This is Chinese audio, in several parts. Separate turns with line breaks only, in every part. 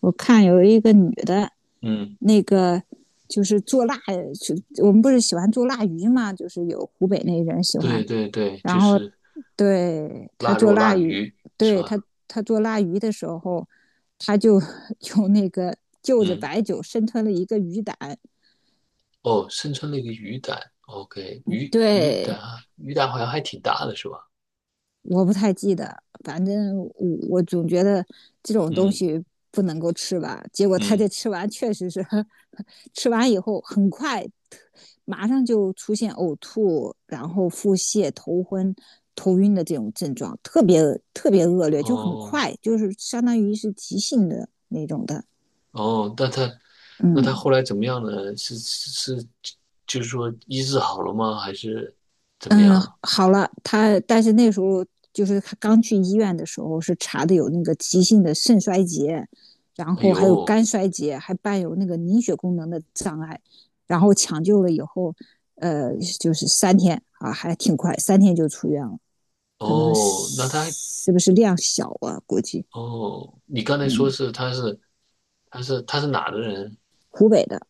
我看有一个女的，
嗯，
那个就是做腊，就我们不是喜欢做腊鱼嘛，就是有湖北那人喜欢，
对对对，
然
就
后
是
对她
腊
做
肉、
腊
腊
鱼，
鱼，是
对
吧？
她她做腊鱼的时候，她就 用那个就着
嗯，
白酒生吞了一个鱼胆，
哦，生吞了一个鱼胆，OK，鱼鱼
对，
胆，鱼胆好像还挺大的，是吧？
我不太记得，反正我总觉得这种东
嗯
西不能够吃完。结果他这
嗯，
吃完确实是，吃完以后很快，马上就出现呕吐，然后腹泻、头昏、头晕的这种症状，特别恶劣，就很
哦
快，就是相当于是急性的那种的。
哦，那他那他
嗯，
后来怎么样呢？是是，就是说医治好了吗？还是怎么
嗯，
样？
好了，他但是那时候就是他刚去医院的时候是查的有那个急性的肾衰竭，然
哎
后还有
呦，
肝衰竭，还伴有那个凝血功能的障碍，然后抢救了以后，就是三天啊，还挺快，三天就出院了，可能
哦，那
是
他
不是量小啊？估计，
哦，你刚才说
嗯，
是他是哪的人？
湖北的，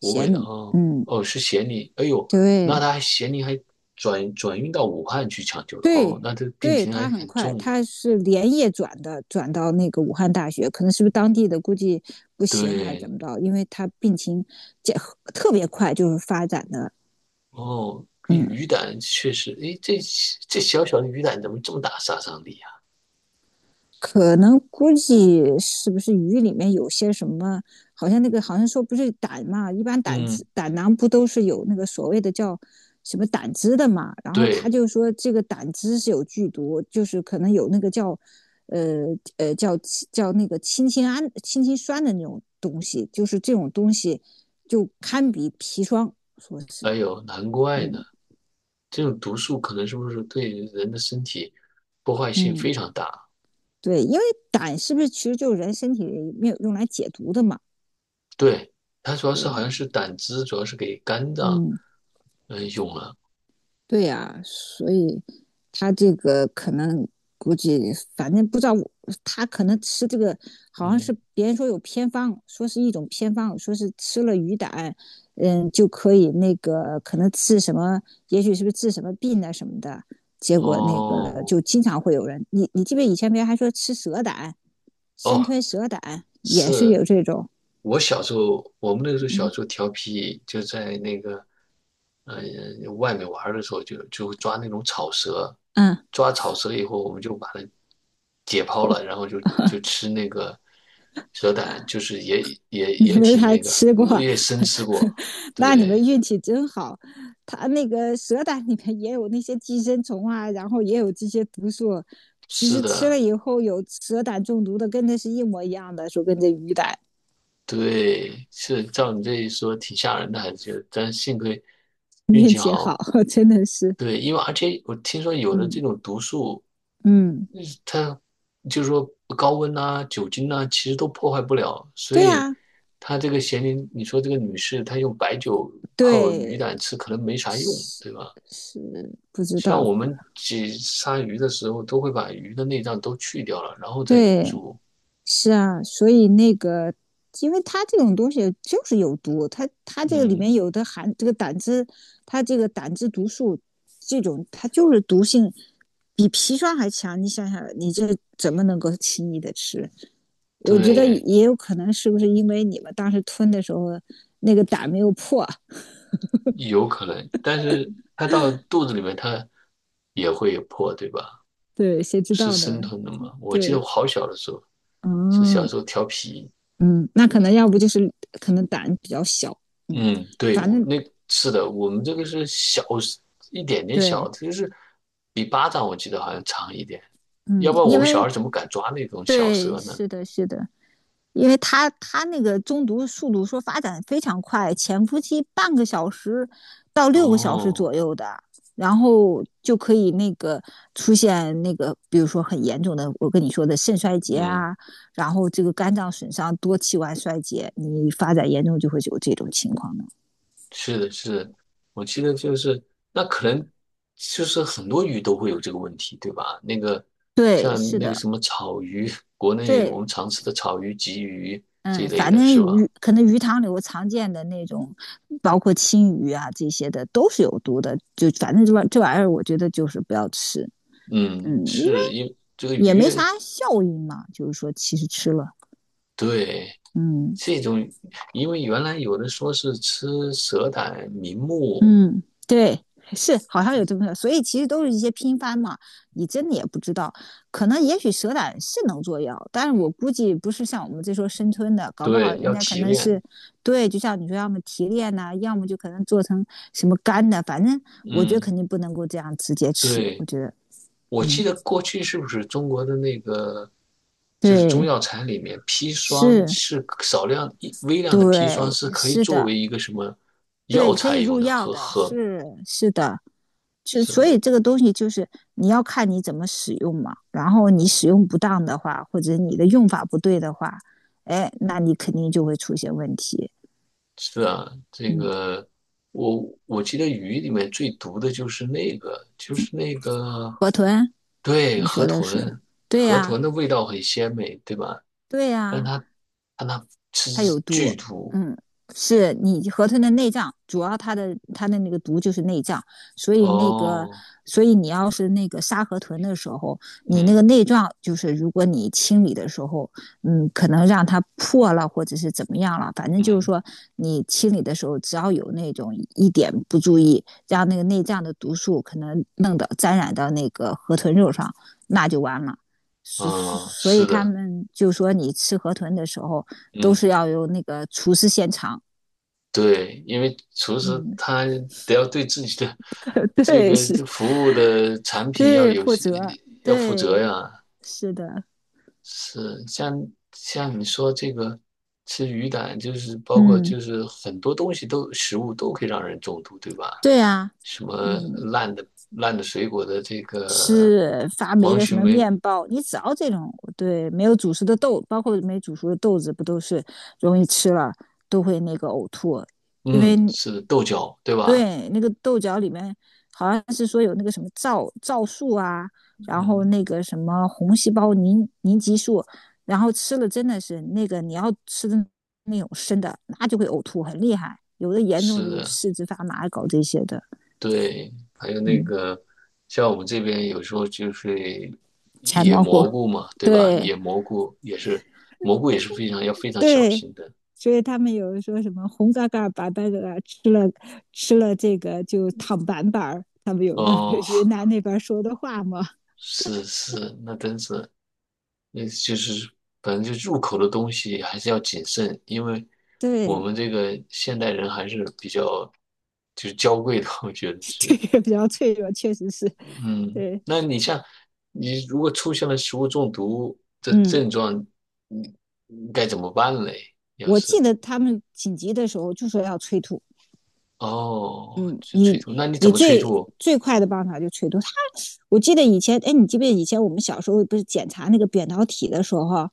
湖北
咸
的
宁，
哦
嗯，
哦，是咸宁，哎呦，那
对，
他还咸宁还转运到武汉去抢救了
对，
哦，那这病
对，
情还
他很
很
快，
重呢。
他是连夜转的，转到那个武汉大学，可能是不是当地的估计不行还是怎
对，
么着，因为他病情特别快，就是发展的，
哦，跟
嗯，
鱼胆确实，哎，这这小小的鱼胆怎么这么大杀伤力啊？
可能估计是不是鱼里面有些什么？好像那个好像说不是胆嘛，一般胆汁
嗯，
胆囊不都是有那个所谓的叫什么胆汁的嘛？然后他
对，
就说这个胆汁是有剧毒，就是可能有那个叫呃呃叫叫那个氢氰胺、氢氰酸的那种东西，就是这种东西就堪比砒霜，说是
哎呦，难怪呢，
嗯
这种毒素可能是不是对人的身体破坏性非
嗯
常大？
对，因为胆是不是其实就是人身体里面用来解毒的嘛？
对，它主要
对
是好像
呀、
是胆汁，主要是给肝脏
嗯。
嗯用了，
对呀、所以他这个可能估计，反正不知道我他可能吃这个好像是
嗯，
别人说有偏方，说是一种偏方，说是吃了鱼胆，嗯，就可以那个可能治什么，也许是不是治什么病啊什么的。结果那个
哦
就经常会有人，你记不记得以前别人还说吃蛇胆，生
哦。
吞蛇胆也是
是
有这种，
我小时候，我们那个时候小
嗯
时候调皮，就在那个，呃，外面玩儿的时候就，就抓那种草蛇，
嗯，
抓草蛇以后，我们就把它解剖了，然后就吃那个蛇胆，就是也也
你
也
们
挺
还
那个，
吃过，
我也生吃过，
那你们
对，
运气真好。它那个蛇胆里面也有那些寄生虫啊，然后也有这些毒素。其
是
实吃
的，
了以后有蛇胆中毒的，跟那是一模一样的，说跟这鱼胆
对，是照你这一说，挺吓人的，还是觉得但幸亏运
运
气
气好，
好，
真的是，
对，因为而且我听说有的
嗯
这种毒素。
嗯，
嗯，它就是说高温呐、酒精呐、其实都破坏不了。所
对呀、
以
啊
她这个咸宁，你说这个女士她用白酒泡鱼
对，
胆吃，可能没啥用，
是
对吧？
是不知
像
道，
我们挤杀鱼的时候，都会把鱼的内脏都去掉了，然后再
对，
煮。
是啊，所以那个，因为它这种东西就是有毒，它这个里
嗯，
面有的含这个胆汁，它这个胆汁毒素这种，它就是毒性比砒霜还强。你想想，你这怎么能够轻易的吃？我觉得
对，
也有可能是不是因为你们当时吞的时候那个胆没有破？
有可能，但是它到肚子里面，它也会破，对吧？
对，谁知
是
道
生
呢？
吞的嘛？我记得
对，
我好小的时候，是小
嗯
时候调皮，
嗯，那可能要不就是可能胆比较小，嗯，
嗯，对，
反
我
正
那是的，我们这个是小一点点
对，
小，就是比巴掌我记得好像长一点，要
嗯，
不然
因
我们小
为
孩怎么敢抓那种小
对，
蛇呢？
是的，是的，因为他那个中毒速度说发展非常快，潜伏期半个小时到6个小时
哦，
左右的，然后就可以那个出现那个，比如说很严重的，我跟你说的肾衰竭
嗯，
啊，然后这个肝脏损伤、多器官衰竭，你发展严重就会有这种情况的。
是的，是的，我记得就是那可能就是很多鱼都会有这个问题，对吧？那个
对，
像
是
那个
的，
什么草鱼，国内
对，
我们常吃的草鱼、鲫鱼这一
嗯，
类
反
的，
正
是吧？
鱼可能鱼塘里我常见的那种，包括青鱼啊这些的都是有毒的，就反正这玩意儿，我觉得就是不要吃，嗯，
嗯，
因为
是因为这个
也
鱼，
没啥效应嘛，就是说其实吃了，
对。
嗯，
这种，因为原来有的说是吃蛇胆、明目，
嗯，对，是好像有这么个，所以其实都是一些拼番嘛，你真的也不知道，可能也许蛇胆是能做药，但是我估计不是像我们这说生吞的，搞不好
对，
人
要
家可
提
能是，
炼。
对，就像你说，要么提炼呐、要么就可能做成什么干的，反正我觉得肯
嗯，
定不能够这样直接吃，我
对，
觉得，
我记
嗯，
得过去是不是中国的那个，就是中
对，
药材里面砒霜
是，
是少量一微量的砒霜
对，
是可以
是
作
的，
为一个什么药
对，可
材
以
用
入
的，
药
喝
的，
喝
是是的，就
是
所
啊
以这个东西就是你要看你怎么使用嘛。然后你使用不当的话，或者你的用法不对的话，哎，那你肯定就会出现问题。
是啊，这
嗯，
个我我记得鱼里面最毒的就是那个，就是那个。
河豚，
对，
你
河
说的是
豚，
对
河
呀、啊
豚的味道很鲜美，对吧？
对
但
呀、
它，
啊
但它吃
它有毒，
剧毒
嗯，是你河豚的内脏，主要它的那个毒就是内脏，所以那个，
哦，
所以你要是那个杀河豚的时候，你那个
嗯
内脏就是如果你清理的时候，嗯，可能让它破了或者是怎么样了，反正就是
嗯
说你清理的时候，只要有那种一点不注意，让那个内脏的毒素可能弄到沾染到那个河豚肉上，那就完了。所所
嗯，
所以
是
他
的，
们就说，你吃河豚的时候，都
嗯，
是要有那个厨师现场。
对，因为厨师
嗯
他得要对自己的 这
对，
个
是，
这服务的产品要
对，
有
负责，
要负责
对，
呀。
是的，
是，像像你说这个吃鱼胆，就是包括
嗯，
就是很多东西都食物都可以让人中毒，对吧？
对啊，
什么
嗯，
烂的烂的水果的这个
吃发霉
黄
的什
曲
么
霉，
面包，你只要这种对没有煮熟的豆，包括没煮熟的豆子，不都是容易吃了都会那个呕吐，因
嗯，
为
是的，豆角，对吧？
对，那个豆角里面好像是说有那个什么皂素啊，然后
嗯，
那个什么红细胞凝集素，然后吃了真的是那个你要吃的那种生的，那就会呕吐，很厉害。有的严重
是
的就
的，
四肢发麻，搞这些的，
对，还有那
嗯，
个像我们这边有时候就是
柴
野
猫菇，
蘑菇嘛，对吧？
对
野蘑菇也是蘑菇也是非常要非常小
对，
心的。
所以他们有人说什么红嘎嘎、白白嘎嘎，吃了这个就躺板板儿，他们有个
哦，
云南那边说的话嘛，
是是，那真是那就是反正就入口的东西还是要谨慎，因为我
对。
们这个现代人还是比较就是娇贵的，我觉得
这
是。
个比较脆弱，确实是
嗯，
对。
那你像你如果出现了食物中毒的
嗯，
症状，你你该怎么办嘞？要
我记
是
得他们紧急的时候就说要催吐。
哦，
嗯，
是
你
催吐，那你怎
你
么催
最
吐？
最快的办法就催吐。他我记得以前，哎，你记不记得以前我们小时候不是检查那个扁桃体的时候，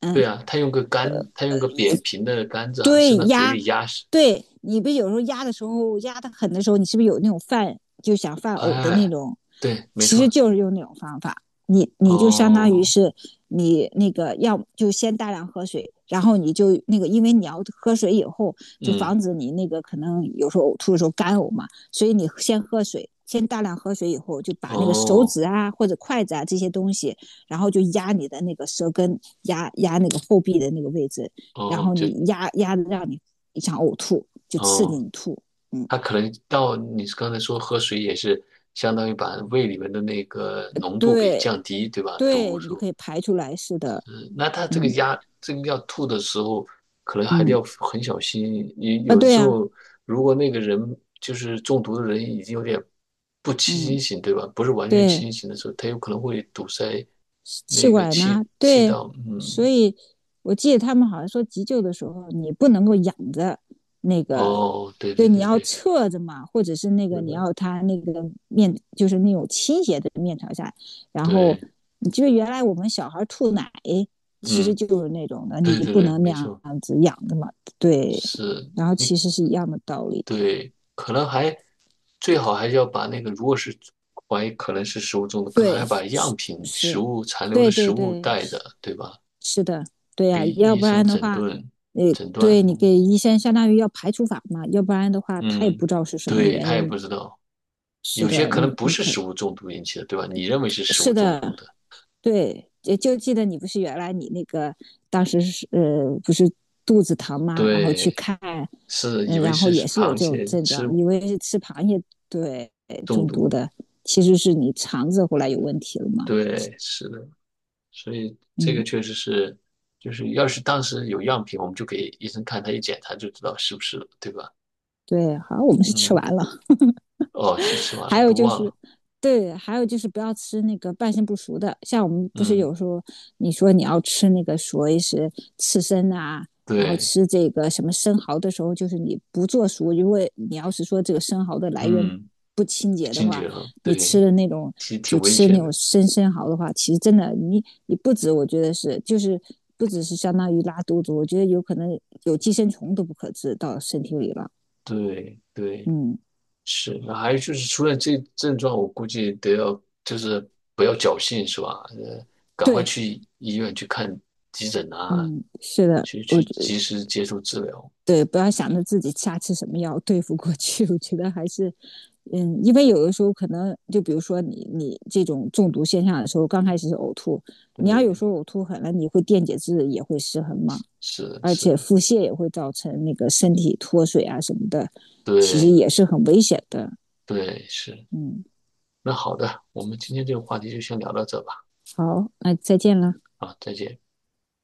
嗯，
对啊，他用个杆，他用个扁平的杆子，好像
对
伸到嘴
压，
里压实。
对你不有时候压的时候压的狠的时候，你是不是有那种犯就想犯呕的那
哎，
种？
对，没
其实
错。
就是用那种方法，你就相当于
哦，
是你那个要就先大量喝水，然后你就那个，因为你要喝水以后，就防
嗯，
止你那个可能有时候呕吐的时候干呕嘛，所以你先喝水，先大量喝水以后，就把那个手
哦，
指啊或者筷子啊这些东西，然后就压你的那个舌根，压那个后壁的那个位置，然
哦，
后
就
你压的让你想呕吐，就刺激
哦，
你吐。嗯，
他可能到你刚才说喝水也是相当于把胃里面的那个浓度给
对
降低，对吧？毒
对，你就可
素。
以排出来似的。
嗯，那他这个
嗯
压，这个要吐的时候，可能还得
嗯
要很小心。你
啊，
有
对
时
呀、
候如果那个人就是中毒的人已经有点不清
嗯
醒，对吧？不是完全
对，
清醒的时候，他有可能会堵塞
气
那个
管呢？啊
气气
对，
道。
所
嗯，
以我记得他们好像说急救的时候你不能够仰着那个，
哦，对
对，
对
你
对
要
对，
侧着嘛，或者是那个
是
你
的，
要他那个面就是那种倾斜的面朝下，然后
对，
你就是原来我们小孩吐奶其实
嗯，
就是那种的，你
对对
不
对，
能那
没
样
错。
子仰着嘛，对，
是，
然后其
你
实是一样的道理，
对，可能还最好还是要把那个，如果是怀疑可能是食物中毒，可能还
对，
要把样品、食
是，
物残留的
对
食
对
物
对，
带着，对吧？
是的，对呀、
给
要
医
不
生
然的
诊
话，
断诊断
对你
用。
给医生相当于要排除法嘛，要不然的话他也不
嗯，
知道是什么
对，
原
他也
因。
不知道，
是
有些
的，
可
你
能不
你
是
可
食物中毒引起的，对吧？你认为是食
是
物中
的，
毒的，
对，就就记得你不是原来你那个当时是不是肚子疼吗？然后去
对，
看，
是以
嗯、
为
然后
是
也是有
螃
这种
蟹
症
吃
状，以为是吃螃蟹对
中
中毒
毒，
的，其实是你肠子后来有问题了嘛。
对，是的。所以这个
嗯，
确实是，就是要是当时有样品，我们就给医生看，他一检查就知道是不是了，对吧？
对，好我们是吃
嗯，
完了。
哦，是吃完了，
还
我
有
都
就
忘
是，
了。
对，还有就是不要吃那个半生不熟的。像我们不是
嗯，
有时候你说你要吃那个所谓是刺身啊，然后
对，
吃这个什么生蚝的时候，就是你不做熟，因为你要是说这个生蚝的来源
嗯，
不清洁的
惊
话，
厥了，
你
对，
吃的那种
挺
就
挺危
吃那
险
种
的，
生蚝的话，其实真的你不止，我觉得是就是不只是相当于拉肚子，我觉得有可能有寄生虫都不可治到身体里了。
对对
嗯，
是。那还有就是，除了这症状，我估计得要就是不要侥幸，是吧？赶快
对，
去医院去看急诊啊，
嗯，是的。
去
我
去及时接受治疗。
对，不要想着自己瞎吃什么药对付过去，我觉得还是，嗯，因为有的时候可能就比如说你这种中毒现象的时候，刚开始是呕吐，你要有
对，
时候呕吐狠了，你会电解质也会失衡嘛，
是
而且
是，
腹泻也会造成那个身体脱水啊什么的，其实
对
也是很危险的。
对是。
嗯，
那好的，我们今天这个话题就先聊到这吧。
好，那再见了。
啊，再见。